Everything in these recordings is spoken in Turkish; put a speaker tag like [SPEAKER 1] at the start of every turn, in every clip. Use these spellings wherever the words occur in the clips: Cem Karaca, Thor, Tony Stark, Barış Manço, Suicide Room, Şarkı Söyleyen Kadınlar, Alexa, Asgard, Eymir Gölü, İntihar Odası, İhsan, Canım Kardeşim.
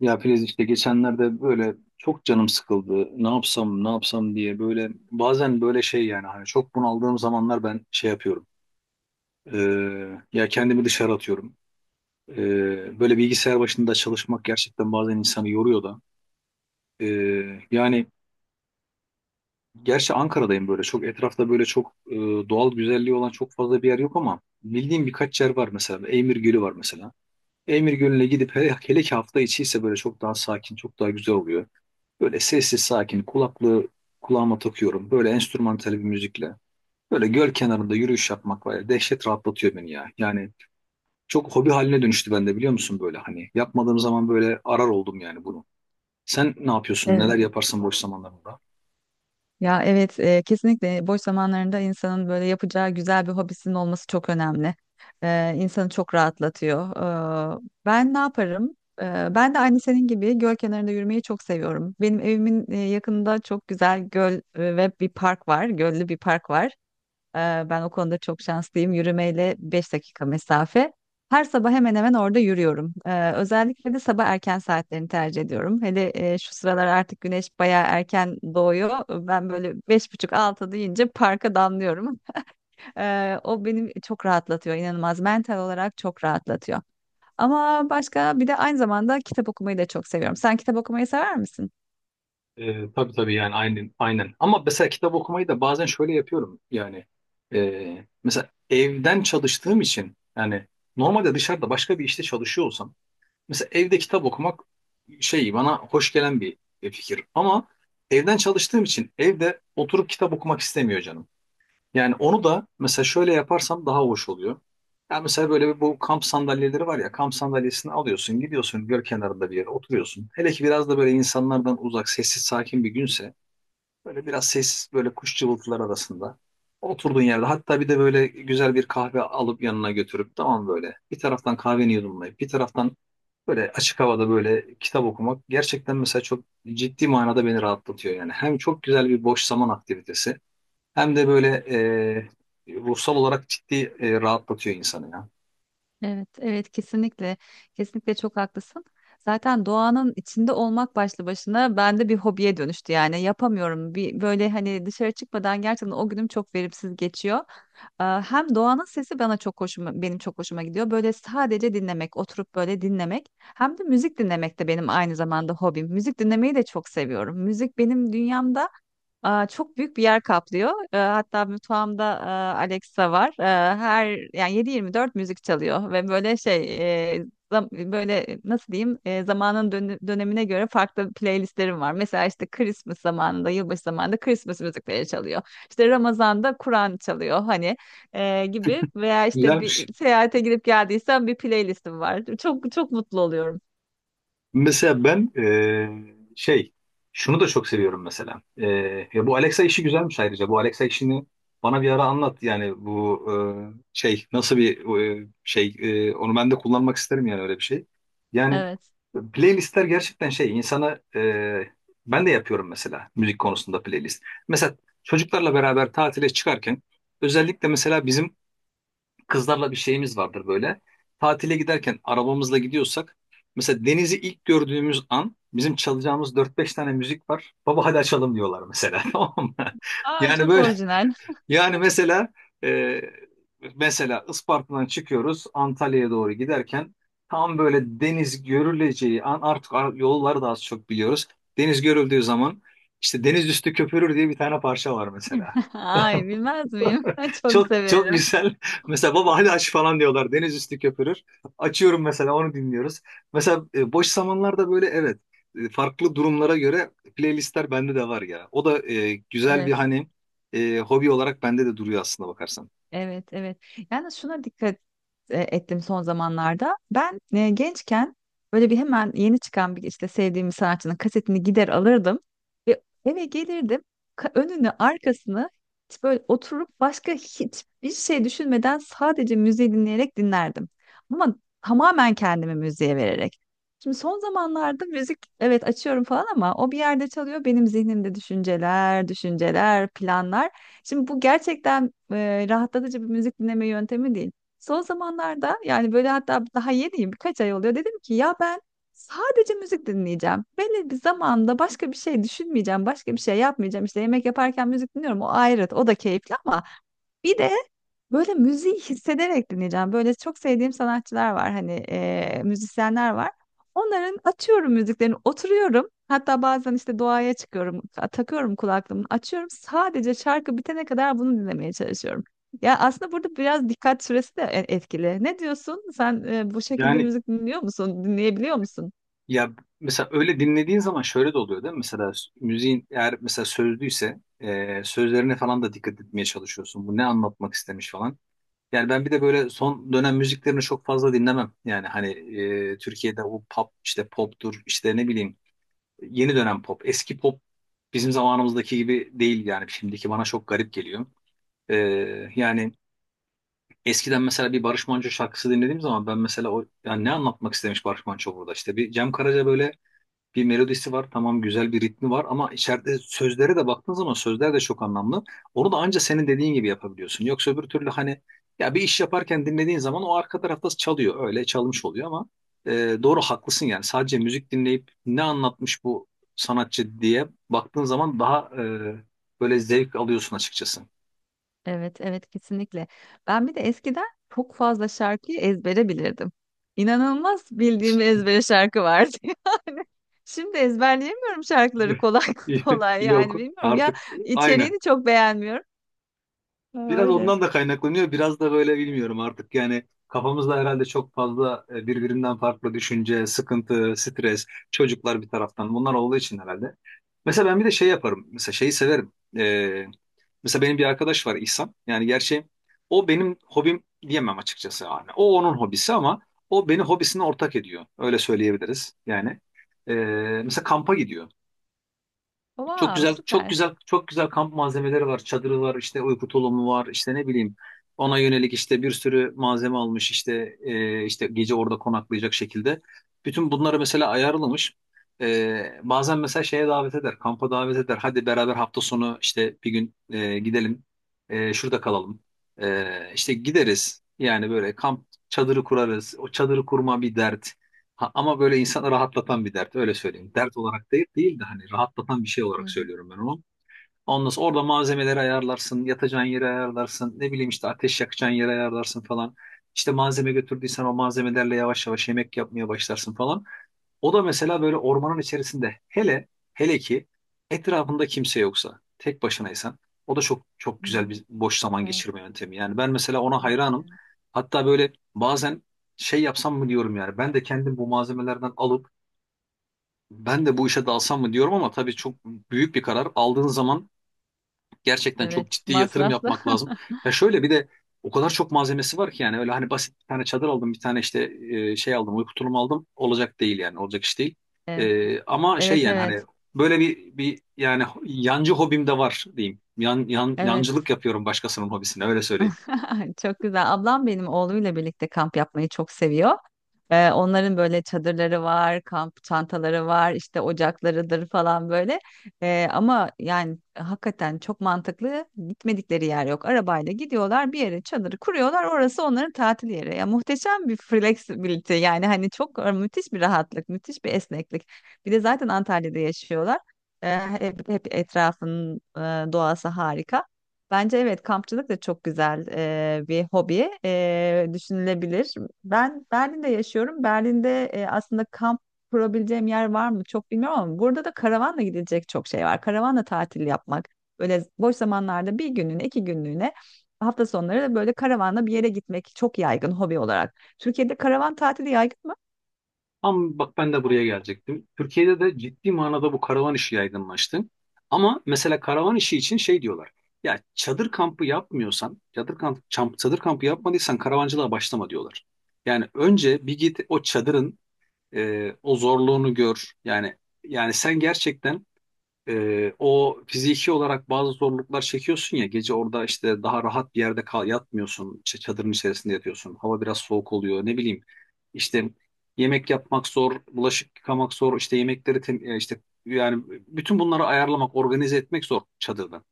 [SPEAKER 1] Ya Filiz işte geçenlerde böyle çok canım sıkıldı. Ne yapsam ne yapsam diye böyle bazen böyle şey yani hani çok bunaldığım zamanlar ben şey yapıyorum. Ee, ya kendimi dışarı atıyorum. Böyle bilgisayar başında çalışmak gerçekten bazen insanı yoruyor da. Yani gerçi Ankara'dayım böyle çok etrafta böyle çok doğal güzelliği olan çok fazla bir yer yok ama bildiğim birkaç yer var mesela. Eymir Gölü var mesela. Eymir Gölü'ne gidip hele, hele ki hafta içi ise böyle çok daha sakin, çok daha güzel oluyor. Böyle sessiz sakin kulaklığı kulağıma takıyorum. Böyle enstrümantal bir müzikle. Böyle göl kenarında yürüyüş yapmak var ya dehşet rahatlatıyor beni ya. Yani çok hobi haline dönüştü bende biliyor musun böyle hani. Yapmadığım zaman böyle arar oldum yani bunu. Sen ne yapıyorsun? Neler
[SPEAKER 2] Evet.
[SPEAKER 1] yaparsın boş zamanlarında?
[SPEAKER 2] Ya evet, kesinlikle boş zamanlarında insanın böyle yapacağı güzel bir hobisinin olması çok önemli. İnsanı çok rahatlatıyor. E, Ben ne yaparım? E, Ben de aynı senin gibi göl kenarında yürümeyi çok seviyorum. Benim evimin yakınında çok güzel göl ve bir park var, göllü bir park var. Ee, Ben o konuda çok şanslıyım. Yürümeyle 5 dakika mesafe. Her sabah hemen hemen orada yürüyorum. Özellikle de sabah erken saatlerini tercih ediyorum. Hele şu sıralar artık güneş bayağı erken doğuyor. Ben böyle beş buçuk altı deyince parka damlıyorum. O beni çok rahatlatıyor, inanılmaz. Mental olarak çok rahatlatıyor. Ama başka bir de aynı zamanda kitap okumayı da çok seviyorum. Sen kitap okumayı sever misin?
[SPEAKER 1] Tabii tabii yani aynen aynen. Ama mesela kitap okumayı da bazen şöyle yapıyorum yani. Mesela evden çalıştığım için yani normalde dışarıda başka bir işte çalışıyor olsam mesela evde kitap okumak şey bana hoş gelen bir fikir ama evden çalıştığım için evde oturup kitap okumak istemiyor canım. Yani onu da mesela şöyle yaparsam daha hoş oluyor. Yani mesela böyle bir bu kamp sandalyeleri var ya, kamp sandalyesini alıyorsun, gidiyorsun göl kenarında bir yere oturuyorsun. Hele ki biraz da böyle insanlardan uzak sessiz sakin bir günse böyle biraz sessiz böyle kuş cıvıltılar arasında. Oturduğun yerde hatta bir de böyle güzel bir kahve alıp yanına götürüp tamam, böyle bir taraftan kahveni yudumlayıp bir taraftan böyle açık havada böyle kitap okumak gerçekten mesela çok ciddi manada beni rahatlatıyor yani. Hem çok güzel bir boş zaman aktivitesi hem de böyle ruhsal olarak ciddi rahatlatıyor insanı ya.
[SPEAKER 2] Evet, evet, kesinlikle. Kesinlikle çok haklısın. Zaten doğanın içinde olmak başlı başına bende bir hobiye dönüştü, yani yapamıyorum. Bir böyle hani dışarı çıkmadan gerçekten o günüm çok verimsiz geçiyor. Hem doğanın sesi bana çok benim çok hoşuma gidiyor. Böyle sadece dinlemek, oturup böyle dinlemek. Hem de müzik dinlemek de benim aynı zamanda hobim. Müzik dinlemeyi de çok seviyorum. Müzik benim dünyamda çok büyük bir yer kaplıyor. Hatta mutfağımda Alexa var. Her yani 7/24 müzik çalıyor ve e, böyle, nasıl diyeyim, dönemine göre farklı playlistlerim var. Mesela işte Christmas zamanında, yılbaşı zamanında Christmas müzikleri çalıyor. İşte Ramazan'da Kur'an çalıyor, gibi veya işte
[SPEAKER 1] Güzelmiş.
[SPEAKER 2] bir seyahate gidip geldiysem bir playlistim var. Çok çok mutlu oluyorum.
[SPEAKER 1] Mesela ben şey şunu da çok seviyorum mesela. Ya bu Alexa işi güzelmiş ayrıca. Bu Alexa işini bana bir ara anlat. Yani bu şey nasıl bir şey onu ben de kullanmak isterim yani, öyle bir şey. Yani
[SPEAKER 2] Evet.
[SPEAKER 1] playlistler gerçekten şey insana ben de yapıyorum mesela müzik konusunda playlist. Mesela çocuklarla beraber tatile çıkarken özellikle mesela bizim kızlarla bir şeyimiz vardır böyle. Tatile giderken arabamızla gidiyorsak mesela denizi ilk gördüğümüz an bizim çalacağımız dört beş tane müzik var. Baba hadi açalım diyorlar mesela tamam mı?
[SPEAKER 2] Aa,
[SPEAKER 1] Yani
[SPEAKER 2] çok
[SPEAKER 1] böyle,
[SPEAKER 2] orijinal.
[SPEAKER 1] yani mesela e, mesela Isparta'dan çıkıyoruz Antalya'ya doğru giderken tam böyle deniz görüleceği an artık yolları da az çok biliyoruz. Deniz görüldüğü zaman işte deniz üstü köpürür diye bir tane parça var mesela.
[SPEAKER 2] Ay, bilmez miyim? Çok
[SPEAKER 1] Çok çok
[SPEAKER 2] severim.
[SPEAKER 1] güzel. Mesela baba hadi aç falan diyorlar. Deniz üstü köpürür. Açıyorum mesela, onu dinliyoruz. Mesela boş zamanlarda böyle, evet, farklı durumlara göre playlistler bende de var ya. O da güzel bir
[SPEAKER 2] Evet.
[SPEAKER 1] hani hobi olarak bende de duruyor aslında bakarsan.
[SPEAKER 2] Evet, evet. Yani şuna dikkat ettim son zamanlarda. Ben gençken böyle bir hemen yeni çıkan bir işte sevdiğim bir sanatçının kasetini gider alırdım ve eve gelirdim. Önünü, arkasını hiç böyle oturup başka hiçbir şey düşünmeden sadece müziği dinleyerek dinlerdim. Ama tamamen kendimi müziğe vererek. Şimdi son zamanlarda müzik evet açıyorum falan ama o bir yerde çalıyor, benim zihnimde düşünceler, planlar. Şimdi bu gerçekten rahatlatıcı bir müzik dinleme yöntemi değil. Son zamanlarda yani böyle, hatta daha yeniyim, birkaç ay oluyor. Dedim ki ya ben sadece müzik dinleyeceğim. Belli bir zamanda başka bir şey düşünmeyeceğim. Başka bir şey yapmayacağım. İşte yemek yaparken müzik dinliyorum. O ayrı. O da keyifli, ama bir de böyle müziği hissederek dinleyeceğim. Böyle çok sevdiğim sanatçılar var hani müzisyenler var. Onların açıyorum müziklerini, oturuyorum. Hatta bazen işte doğaya çıkıyorum. Takıyorum kulaklığımı, açıyorum. Sadece şarkı bitene kadar bunu dinlemeye çalışıyorum. Ya aslında burada biraz dikkat süresi de etkili. Ne diyorsun? Sen bu şekilde
[SPEAKER 1] Yani
[SPEAKER 2] müzik dinliyor musun? Dinleyebiliyor musun?
[SPEAKER 1] ya, mesela öyle dinlediğin zaman şöyle de oluyor değil mi? Mesela müziğin eğer mesela sözlüyse sözlerine falan da dikkat etmeye çalışıyorsun. Bu ne anlatmak istemiş falan. Yani ben bir de böyle son dönem müziklerini çok fazla dinlemem. Yani hani, Türkiye'de o pop, işte poptur, işte ne bileyim, yeni dönem pop. Eski pop bizim zamanımızdaki gibi değil, yani şimdiki bana çok garip geliyor. E, yani eskiden mesela bir Barış Manço şarkısı dinlediğim zaman ben mesela o, yani ne anlatmak istemiş Barış Manço burada, işte bir Cem Karaca, böyle bir melodisi var, tamam, güzel bir ritmi var ama içeride sözlere de baktığın zaman sözler de çok anlamlı. Onu da anca senin dediğin gibi yapabiliyorsun. Yoksa öbür türlü hani, ya bir iş yaparken dinlediğin zaman o arka tarafta çalıyor. Öyle çalmış oluyor ama doğru, haklısın yani. Sadece müzik dinleyip ne anlatmış bu sanatçı diye baktığın zaman daha böyle zevk alıyorsun açıkçası.
[SPEAKER 2] Evet, evet, kesinlikle. Ben bir de eskiden çok fazla şarkıyı ezbere bilirdim. İnanılmaz bildiğim ezbere şarkı vardı yani. Şimdi ezberleyemiyorum şarkıları kolay kolay, yani
[SPEAKER 1] Yok
[SPEAKER 2] bilmiyorum ya,
[SPEAKER 1] artık, aynı.
[SPEAKER 2] içeriğini çok beğenmiyorum. Ha,
[SPEAKER 1] Biraz
[SPEAKER 2] öyle.
[SPEAKER 1] ondan da kaynaklanıyor. Biraz da böyle bilmiyorum artık, yani kafamızda herhalde çok fazla birbirinden farklı düşünce, sıkıntı, stres, çocuklar, bir taraftan bunlar olduğu için herhalde. Mesela ben bir de şey yaparım. Mesela şeyi severim. Ee, mesela benim bir arkadaş var, İhsan. Yani gerçi o benim hobim diyemem açıkçası. Yani o onun hobisi ama o beni hobisine ortak ediyor. Öyle söyleyebiliriz yani. Ee, mesela kampa gidiyor. Çok
[SPEAKER 2] Wow,
[SPEAKER 1] güzel, çok
[SPEAKER 2] süper.
[SPEAKER 1] güzel, çok güzel kamp malzemeleri var. Çadırı var, işte uyku tulumu var, işte ne bileyim. Ona yönelik işte bir sürü malzeme almış, işte işte gece orada konaklayacak şekilde. Bütün bunları mesela ayarlamış. Bazen mesela şeye davet eder, kampa davet eder. Hadi beraber hafta sonu işte bir gün gidelim, şurada kalalım. E, işte gideriz. Yani böyle kamp çadırı kurarız. O çadırı kurma bir dert. Ha, ama böyle insanı rahatlatan bir dert, öyle söyleyeyim. Dert olarak değil, değil de hani rahatlatan bir şey
[SPEAKER 2] Hı
[SPEAKER 1] olarak
[SPEAKER 2] hı,
[SPEAKER 1] söylüyorum ben onu. Ondan sonra orada malzemeleri ayarlarsın, yatacağın yeri ayarlarsın, ne bileyim işte ateş yakacağın yeri ayarlarsın falan. İşte malzeme götürdüysen o malzemelerle yavaş yavaş yemek yapmaya başlarsın falan. O da mesela böyle ormanın içerisinde, hele hele ki etrafında kimse yoksa, tek başınaysan, o da çok çok
[SPEAKER 2] hı
[SPEAKER 1] güzel
[SPEAKER 2] hı.
[SPEAKER 1] bir boş zaman
[SPEAKER 2] Evet,
[SPEAKER 1] geçirme yöntemi. Yani ben mesela ona
[SPEAKER 2] evet,
[SPEAKER 1] hayranım.
[SPEAKER 2] evet.
[SPEAKER 1] Hatta böyle bazen şey yapsam mı diyorum, yani ben de kendim bu malzemelerden alıp ben de bu işe dalsam mı diyorum, ama tabii çok büyük bir karar. Aldığın zaman gerçekten çok
[SPEAKER 2] Evet,
[SPEAKER 1] ciddi yatırım
[SPEAKER 2] masraflı.
[SPEAKER 1] yapmak lazım. Ya şöyle bir de o kadar çok malzemesi var ki, yani öyle hani basit bir tane çadır aldım, bir tane işte şey aldım, uyku tulumu aldım. Olacak değil yani, olacak iş değil.
[SPEAKER 2] Evet,
[SPEAKER 1] Ama şey,
[SPEAKER 2] evet,
[SPEAKER 1] yani hani
[SPEAKER 2] evet.
[SPEAKER 1] böyle bir yani yancı hobim de var diyeyim. Yan, yan,
[SPEAKER 2] Evet.
[SPEAKER 1] yancılık yapıyorum başkasının hobisine, öyle söyleyeyim.
[SPEAKER 2] Çok güzel. Ablam benim oğluyla birlikte kamp yapmayı çok seviyor. Onların böyle çadırları var, kamp çantaları var, işte ocaklarıdır falan böyle. Ama yani hakikaten çok mantıklı, gitmedikleri yer yok. Arabayla gidiyorlar bir yere, çadırı kuruyorlar. Orası onların tatil yeri. Ya muhteşem bir flexibility, yani hani çok müthiş bir rahatlık, müthiş bir esneklik. Bir de zaten Antalya'da yaşıyorlar. Hep, hep etrafın doğası harika. Bence evet, kampçılık da çok güzel bir hobi düşünülebilir. Ben Berlin'de yaşıyorum. Berlin'de aslında kamp kurabileceğim yer var mı çok bilmiyorum, ama burada da karavanla gidilecek çok şey var. Karavanla tatil yapmak böyle boş zamanlarda bir günlüğüne, iki günlüğüne, hafta sonları da böyle karavanla bir yere gitmek çok yaygın hobi olarak. Türkiye'de karavan tatili yaygın mı?
[SPEAKER 1] Ama bak, ben de buraya gelecektim. Türkiye'de de ciddi manada bu karavan işi yaygınlaştı. Ama mesela karavan işi için şey diyorlar. Ya çadır kampı yapmıyorsan, çadır kampı yapmadıysan karavancılığa başlama diyorlar. Yani önce bir git, o çadırın o zorluğunu gör. Yani sen gerçekten o fiziki olarak bazı zorluklar çekiyorsun ya, gece orada işte daha rahat bir yerde kal yatmıyorsun, işte çadırın içerisinde yatıyorsun, hava biraz soğuk oluyor, ne bileyim işte yemek yapmak zor, bulaşık yıkamak zor, işte yemekleri işte yani bütün bunları ayarlamak, organize etmek zor çadırda.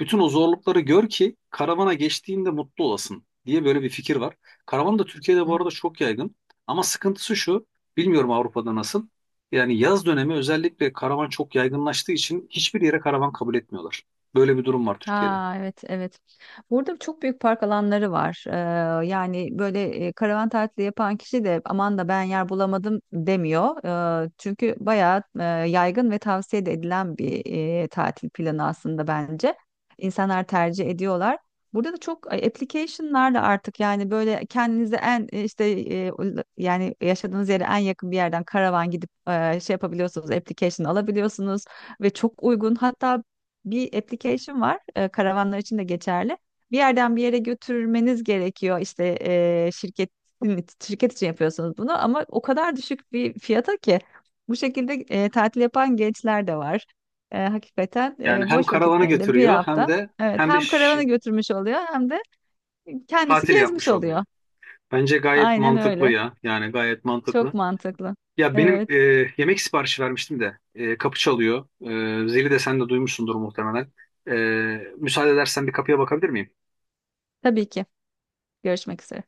[SPEAKER 1] Bütün o zorlukları gör ki karavana geçtiğinde mutlu olasın diye böyle bir fikir var. Karavan da Türkiye'de bu arada çok yaygın ama sıkıntısı şu, bilmiyorum Avrupa'da nasıl, yani yaz dönemi özellikle karavan çok yaygınlaştığı için hiçbir yere karavan kabul etmiyorlar. Böyle bir durum var Türkiye'de.
[SPEAKER 2] Ha, evet, evet. Burada çok büyük park alanları var. Yani böyle karavan tatili yapan kişi de aman da ben yer bulamadım demiyor. Çünkü bayağı yaygın ve tavsiye de edilen bir tatil planı aslında bence. İnsanlar tercih ediyorlar. Burada da çok application'larla artık, yani böyle kendinize en yani yaşadığınız yere en yakın bir yerden karavan gidip şey yapabiliyorsunuz, application alabiliyorsunuz ve çok uygun. Hatta bir application var. Karavanlar için de geçerli. Bir yerden bir yere götürmeniz gerekiyor. İşte, şirket için yapıyorsunuz bunu, ama o kadar düşük bir fiyata ki bu şekilde tatil yapan gençler de var. Hakikaten
[SPEAKER 1] Yani hem
[SPEAKER 2] boş
[SPEAKER 1] karavanı
[SPEAKER 2] vakitlerinde bir
[SPEAKER 1] getiriyor, hem
[SPEAKER 2] hafta
[SPEAKER 1] de
[SPEAKER 2] evet
[SPEAKER 1] hem de
[SPEAKER 2] hem karavana
[SPEAKER 1] şi-
[SPEAKER 2] götürmüş oluyor hem de kendisi
[SPEAKER 1] tatil
[SPEAKER 2] gezmiş
[SPEAKER 1] yapmış oluyor.
[SPEAKER 2] oluyor.
[SPEAKER 1] Bence gayet
[SPEAKER 2] Aynen
[SPEAKER 1] mantıklı
[SPEAKER 2] öyle.
[SPEAKER 1] ya. Yani gayet
[SPEAKER 2] Çok
[SPEAKER 1] mantıklı.
[SPEAKER 2] mantıklı.
[SPEAKER 1] Ya benim
[SPEAKER 2] Evet,
[SPEAKER 1] yemek siparişi vermiştim de, kapı çalıyor. Zili de sen de duymuşsundur muhtemelen. E, müsaade edersen bir kapıya bakabilir miyim?
[SPEAKER 2] tabii ki. Görüşmek üzere.